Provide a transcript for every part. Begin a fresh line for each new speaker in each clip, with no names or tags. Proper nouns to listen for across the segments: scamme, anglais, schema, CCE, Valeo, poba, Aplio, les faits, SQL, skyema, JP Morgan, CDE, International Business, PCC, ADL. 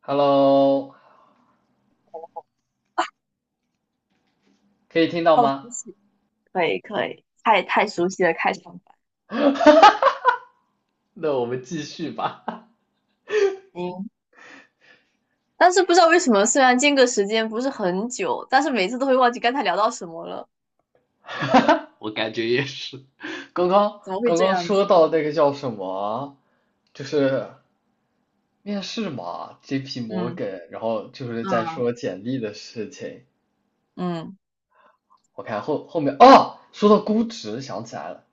Hello，可以听到
好
吗？
熟悉，可以可以，太熟悉了开场白
那我们继续吧。
应。但是不知道为什么，虽然间隔时间不是很久，但是每次都会忘记刚才聊到什么了，
我感觉也是。刚刚
怎么会
刚
这
刚
样
说
子？
到那个叫什么，就是面试嘛，JP
嗯
Morgan，然后就是在
嗯
说简历的事情。
嗯
我看后面啊，说到估值想起来了，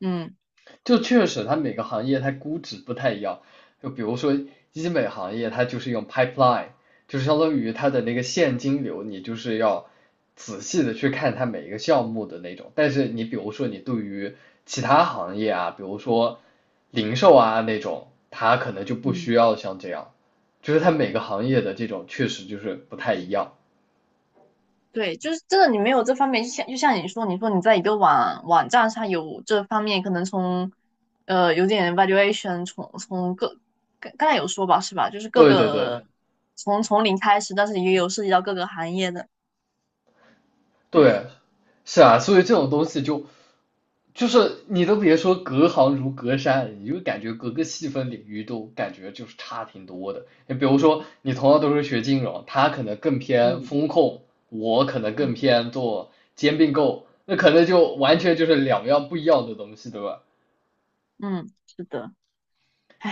嗯
就确实它每个行业它估值不太一样，就比如说医美行业，它就是用 pipeline，就是相当于它的那个现金流，你就是要仔细的去看它每一个项目的那种。但是你比如说你对于其他行业啊，比如说零售啊那种，它可能就不需
嗯，
要像这样，就是它每个行业的这种确实就是不太一样。
对，就是真的，你没有这方面，就像你说，你说你在一个网站上有这方面，可能从有点 valuation，从从各刚刚才有说吧，是吧？就是各
对对对
个从零开始，但是也有涉及到各个行业的，
对，
唉，
是啊，所以这种东西就是你都别说隔行如隔山，你就感觉各个细分领域都感觉就是差挺多的。你比如说，你同样都是学金融，他可能更偏
嗯。
风控，我可能更
嗯
偏做兼并购，那可能就完全就是两样不一样的东西，对吧？
嗯，是的，唉，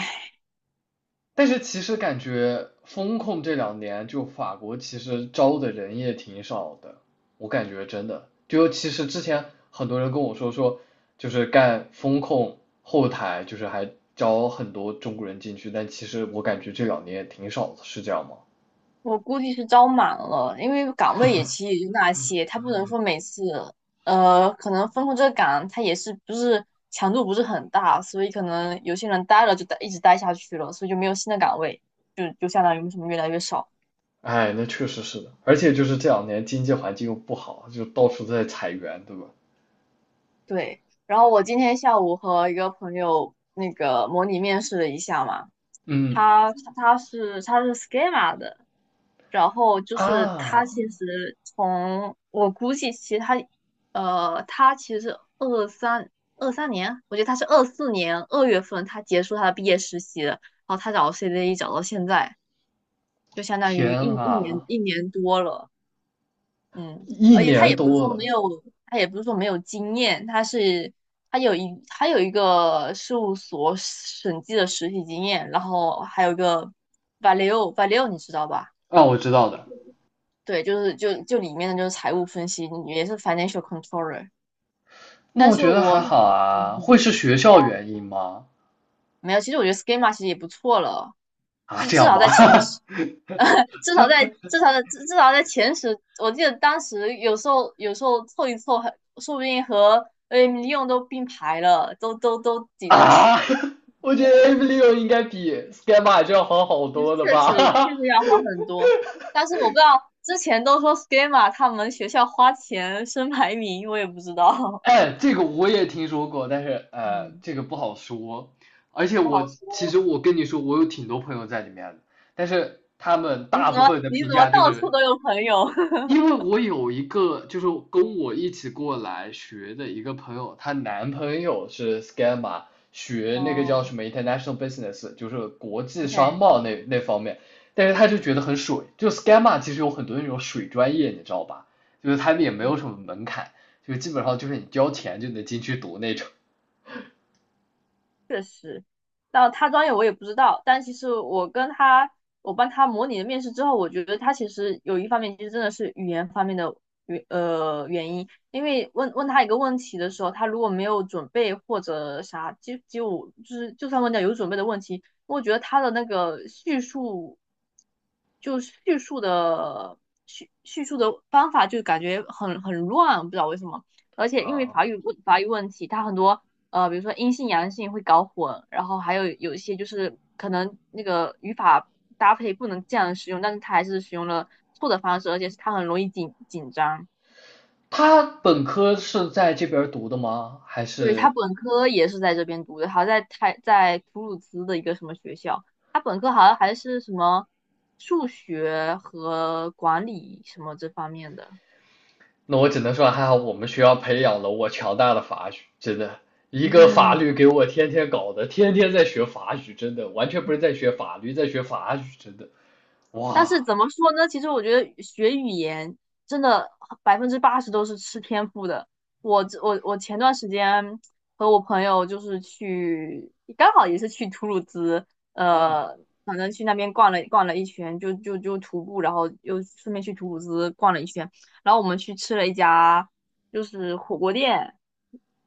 但是其实感觉风控这两年，就法国其实招的人也挺少的，我感觉真的，就其实之前很多人跟我说，就是干风控后台，就是还招很多中国人进去，但其实我感觉这两年也挺少的，是这样吗？
我估计是招满了，因为岗位也其实也就那些，他不能说每次，可能分控这个岗，他也是不是强度不是很大，所以可能有些人待了就待一直待下去了，所以就没有新的岗位，就相当于为什么越来越少。
哎，那确实是的，而且就是这两年经济环境又不好，就到处都在裁员，对吧？
对，然后我今天下午和一个朋友那个模拟面试了一下嘛，
嗯
他是 schema 的。然后就是他
啊，
其实从我估计，其实他他其实二三二三年，我觉得他是24年2月份他结束他的毕业实习的，然后他找 CDE 找到现在，就相当于
天啊，
一年多了，嗯，
一
而且他
年
也不是
多
说没
了。
有，他也不是说没有经验，他有一个事务所审计的实习经验，然后还有一个 Valeo 你知道吧？
啊，我知道的。
对，就是里面的就是财务分析，也是 financial controller。
那
但
我
是
觉得还
我
好
嗯
啊，会
嗯
是学校原因吗？
没有，其实我觉得 schema 其实也不错了，
啊，
就
这
至
样
少
吗？
在前十，至少在前十，我记得当时有时候凑一凑还，说不定和 AM 利用都并排了，都 挤到前
啊，
前，
我觉得 Aplio 应该比 s k y e m a 这要好好
就是
多了
确
吧？
实确实要好很多。但是我不知道之前都说 schema 他们学校花钱升排名，我也不知 道，
哎，这个我也听说过，但是
嗯，
这个不好说。而且
不好
我其实
说。
我跟你说，我有挺多朋友在里面的，但是他们
你
大
怎
部
么
分的
你
评
怎么
价就
到处
是
都有朋友？
因为我有一个就是跟我一起过来学的一个朋友，她男朋友是 s c a m m e
哦
学那个叫什么 International Business，就是国际商
，OK，
贸那方面，但是他就觉得
行，
很水，就 s c a m m e 其实有很多那种水专业，你知道吧？就是他们也没
嗯。
有什么门槛，就基本上就是你交钱就能进去读那种。
确实，那他专业我也不知道，但其实我跟他，我帮他模拟了面试之后，我觉得他其实有一方面其实真的是语言方面的原因，因为问他一个问题的时候，他如果没有准备或者啥，就算问到有准备的问题，我觉得他的那个叙述，就叙述的叙叙述的方法就感觉很乱，不知道为什么。而且因为
啊，
法语问题，他很多比如说阴性阳性会搞混，然后还有一些就是可能那个语法搭配不能这样使用，但是他还是使用了错的方式，而且是他很容易紧张。
他本科是在这边读的吗？还
对，他
是
本科也是在这边读的，好在他在图鲁兹的一个什么学校，他本科好像还是什么数学和管理什么这方面的。
那我只能说还好我们学校培养了我强大的法语，真的，一个法律 给我天天搞的，天天在学法语，真的，完全不是在学法律，在学法语，真的，
但是
哇，
怎么说呢？其实我觉得学语言真的80%都是吃天赋的。我前段时间和我朋友就是去，刚好也是去图鲁兹，
啊
呃，反正去那边逛了一圈，就徒步，然后又顺便去图鲁兹逛了一圈，然后我们去吃了一家就是火锅店，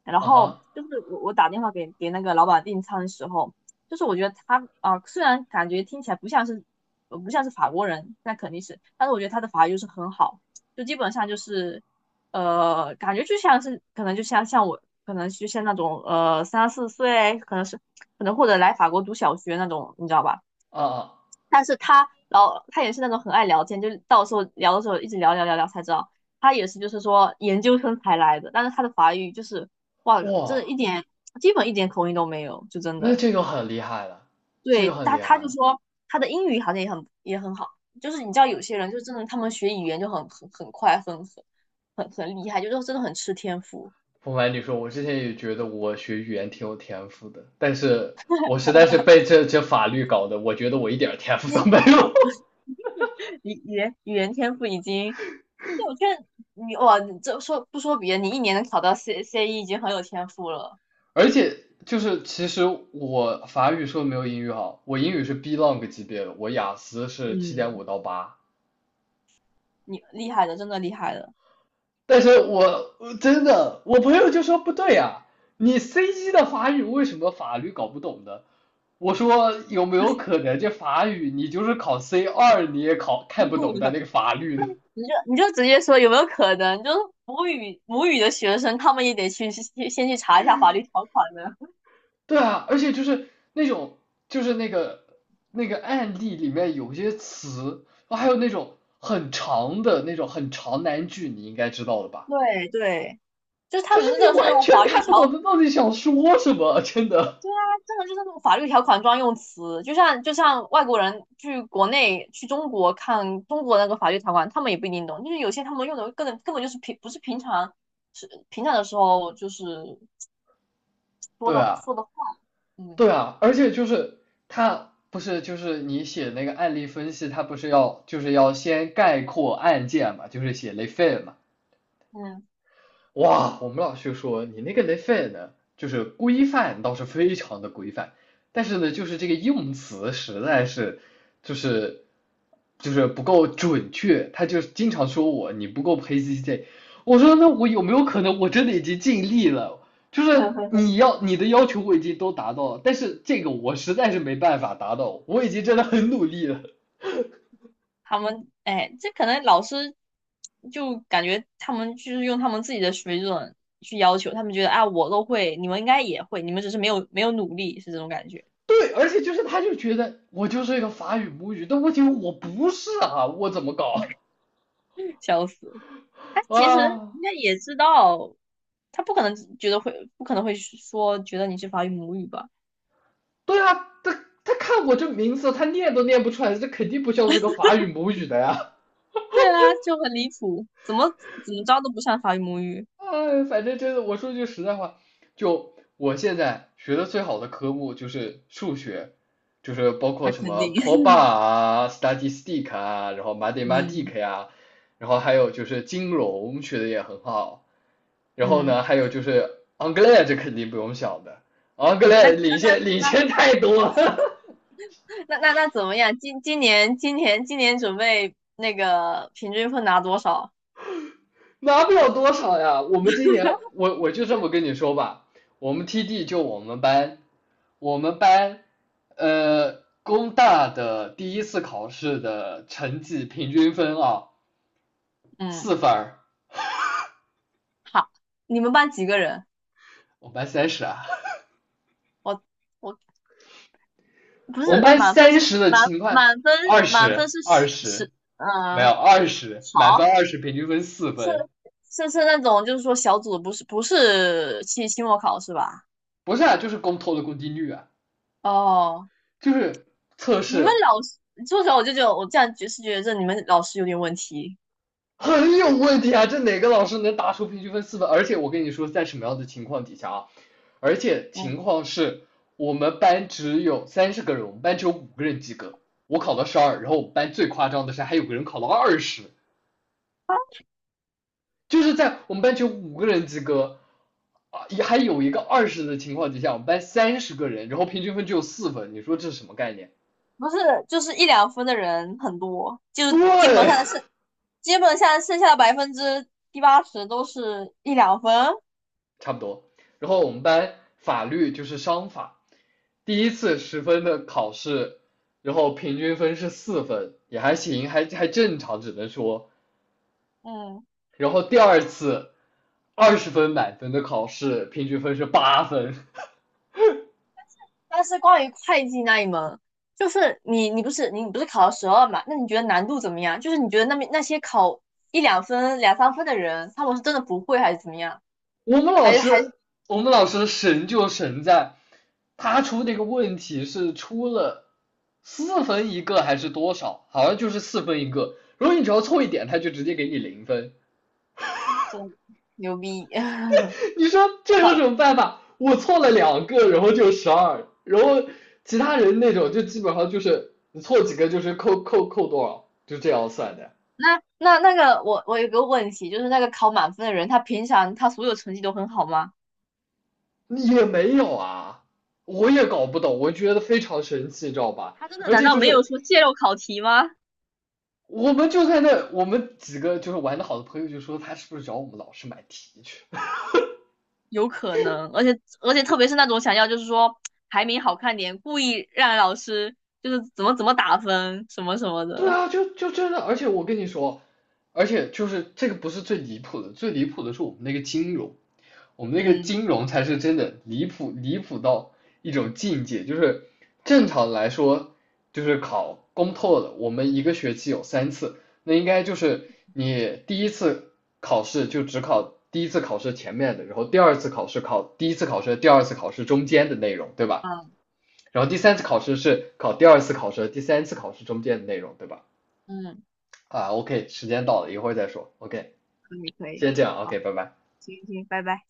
然
啊
后
哈
就是我打电话给那个老板订餐的时候。就是我觉得他啊、虽然感觉听起来不像是呃不像是法国人，那肯定是，但是我觉得他的法语就是很好，就基本上就是感觉就像是可能就像我可能就像那种3、4岁，可能或者来法国读小学那种，你知道吧？
啊啊
但是他也是那种很爱聊天，就是到时候聊的时候一直聊聊聊聊才知道。他也是就是说研究生才来的，但是他的法语就是哇，真的
哇，
一点口音都没有，就真
那
的。
这个很厉害了，这个
对
很
他，
厉害
他就
了。
说他的英语好像也很好，就是你知道
啊，
有些人就真的他们学语言就很快，很厉害，就是真的很吃天赋。
不瞒你说，我之前也觉得我学语言挺有天赋的，但是我实在是被这法律搞的，我觉得我一点儿天赋都
你
没有。
语言天赋已经，就我觉得你哇，你这说不说别的，你一年能考到 CCE 已经很有天赋了。
而且就是其实我法语说的没有英语好，我英语是 B long 级别的，我雅思是七点
嗯，
五到八，
你厉害的，真的厉害的。
但是我真的朋友就说不对呀、啊你 C 一的法语为什么法律搞不懂呢？我说有没有可能这法语你就是考 C 二你也考看不懂的 那个法律呢？
你就直接说有没有可能，就是母语的学生，他们也得去先去查一下法律条款呢。
对啊，而且就是那种，就是那个案例里面有些词，还有那种很长的那种很长难句，你应该知道的 吧？
对对。就是他
就是
们真的
你
是那
完
种
全
法律
看不
条，
懂他到底想说什么，真的。
他真的就是那种法律条款专用词，就像外国人去去中国看中国那个法律条款，他们也不一定懂，就是有些他们用的根本就是平不是平常是平常的时候就是说
对
的
啊，
说的话，
对
嗯
啊，而且就是他不是就是你写那个案例分析，他不是要就是要先概括案件嘛，就是写 les faits 嘛，
嗯，
哇，我们老师说你那个雷费呢，就是规范倒是非常的规范，但是呢，就是这个用词实在是，就是就是不够准确，他就经常说我你不够 PCC，我说那我有没有可能我真的已经尽力了？就是你 要你的要求我已经都达到了，但是这个我实在是没办法达到，我已经真的很努力了。
他们哎，这可能老师就感觉他们就是用他们自己的水准去要求，他们觉得啊我都会，你们应该也会，你们只是没有努力，是这种感觉，
对，而且就是他就觉得我就是一个法语母语，但问题我不是啊，我怎么搞？
笑死。他其实
啊，
应该也知道，他不可能觉得会，不可能会说觉得你是法语母语吧？
对啊，他看我这名字，他念都念不出来，这肯定不像是个法语母语的呀。
对啊，就很离谱，怎么着都不像法语母语，
哎，反正真的，我说句实在话，就我现在学的最好的科目就是数学，就是包括
那
什
肯
么
定，
p o b a 啊、statistic 啊，然后
嗯
mathematic 呀、啊然后还有就是金融学的也很好，然后
嗯
呢，还有就是 anglais 这肯定不用想的
嗯，那
，anglais
那
领
那
先领
那
先太多了。
那那那怎么样？今年准备那个平均分拿多少？
拿不了多少呀。我们今年，我就这么跟你说吧，我们 TD 就我们班，我们班，工大的第一次考试的成绩平均分啊，四
嗯，
分儿，
好，你们班几个人？
我们班三十啊，
我我不
我们
是
班
满分
三
是
十
十
的情况，二
满分
十，
是
二
十
十，
十，
没有
嗯、
二十，满
好。
分二十，平均分四
是
分，
是是那种，就是说小组的不是期末考是吧？
不是啊，就是公投的公定率啊，
哦，
就是测
你们
试。
老师，说实话，我就觉得我这样觉得这你们老师有点问题。
很有问题啊！这哪个老师能打出平均分四分？而且我跟你说，在什么样的情况底下啊？而且情
嗯，
况是我们班只有三十个人，我们班只有五个人及格，我考了十二，然后我们班最夸张的是还有个人考了二十，就是在我们班只有五个人及格，啊，也还有一个二十的情况底下，我们班三十个人，然后平均分只有四分，你说这是什么概念？
不是，就是一两分的人很多，就基本
对。
上剩，基本上剩下的70%到80%都是一两分。
差不多。然后我们班法律就是商法，第一次十分的考试，然后平均分是四分，也还行，还正常，只能说。
嗯。
然后第二次20分满分的考试，平均分是8分。
但是关于会计那一门，就是你不是考了12嘛？那你觉得难度怎么样？就是你觉得那边那些考一两分、两三分的人，他们是真的不会还是怎么样？
我们老
还是还
师，
是
我们老师神就神在，他出那个问题是出了四分一个还是多少？好像就是四分一个。如果你只要错一点，他就直接给你零分。
真牛逼？
你说这
好，
有什么办法？我错了2个，然后就十二，然后其他人那种就基本上就是你错几个就是扣多少，就这样算的。
那个我有个问题，就是那个考满分的人，他平常他所有成绩都很好吗？
也没有啊，我也搞不懂，我觉得非常神奇，知道吧？
他真的
而
难
且
道
就
没有
是
说泄露考题吗？
我们就在那，我们几个就是玩的好的朋友就说他是不是找我们老师买题去？
有可能，而且特别是那种想要就是说排名好看点，故意让老师就是怎么打分什么什么
对
的。
啊，就真的，而且我跟你说，而且就是这个不是最离谱的，最离谱的是我们那个金融，我们那个
嗯
金融才是真的离谱，离谱到一种境界，就是正常来说，就是考公透的，我们一个学期有三次，那应该就是你第一次考试就只考第一次考试前面的，然后第二次考试考第一次考试、第二次考试中间的内容，对吧？
嗯
然后第三次考试是考第二次考试、第三次考试中间的内容，对吧？
嗯，
啊，OK，时间到了，一会儿再说。OK，
可以可以，
先这样
好，
，OK，拜拜。
行行，拜拜。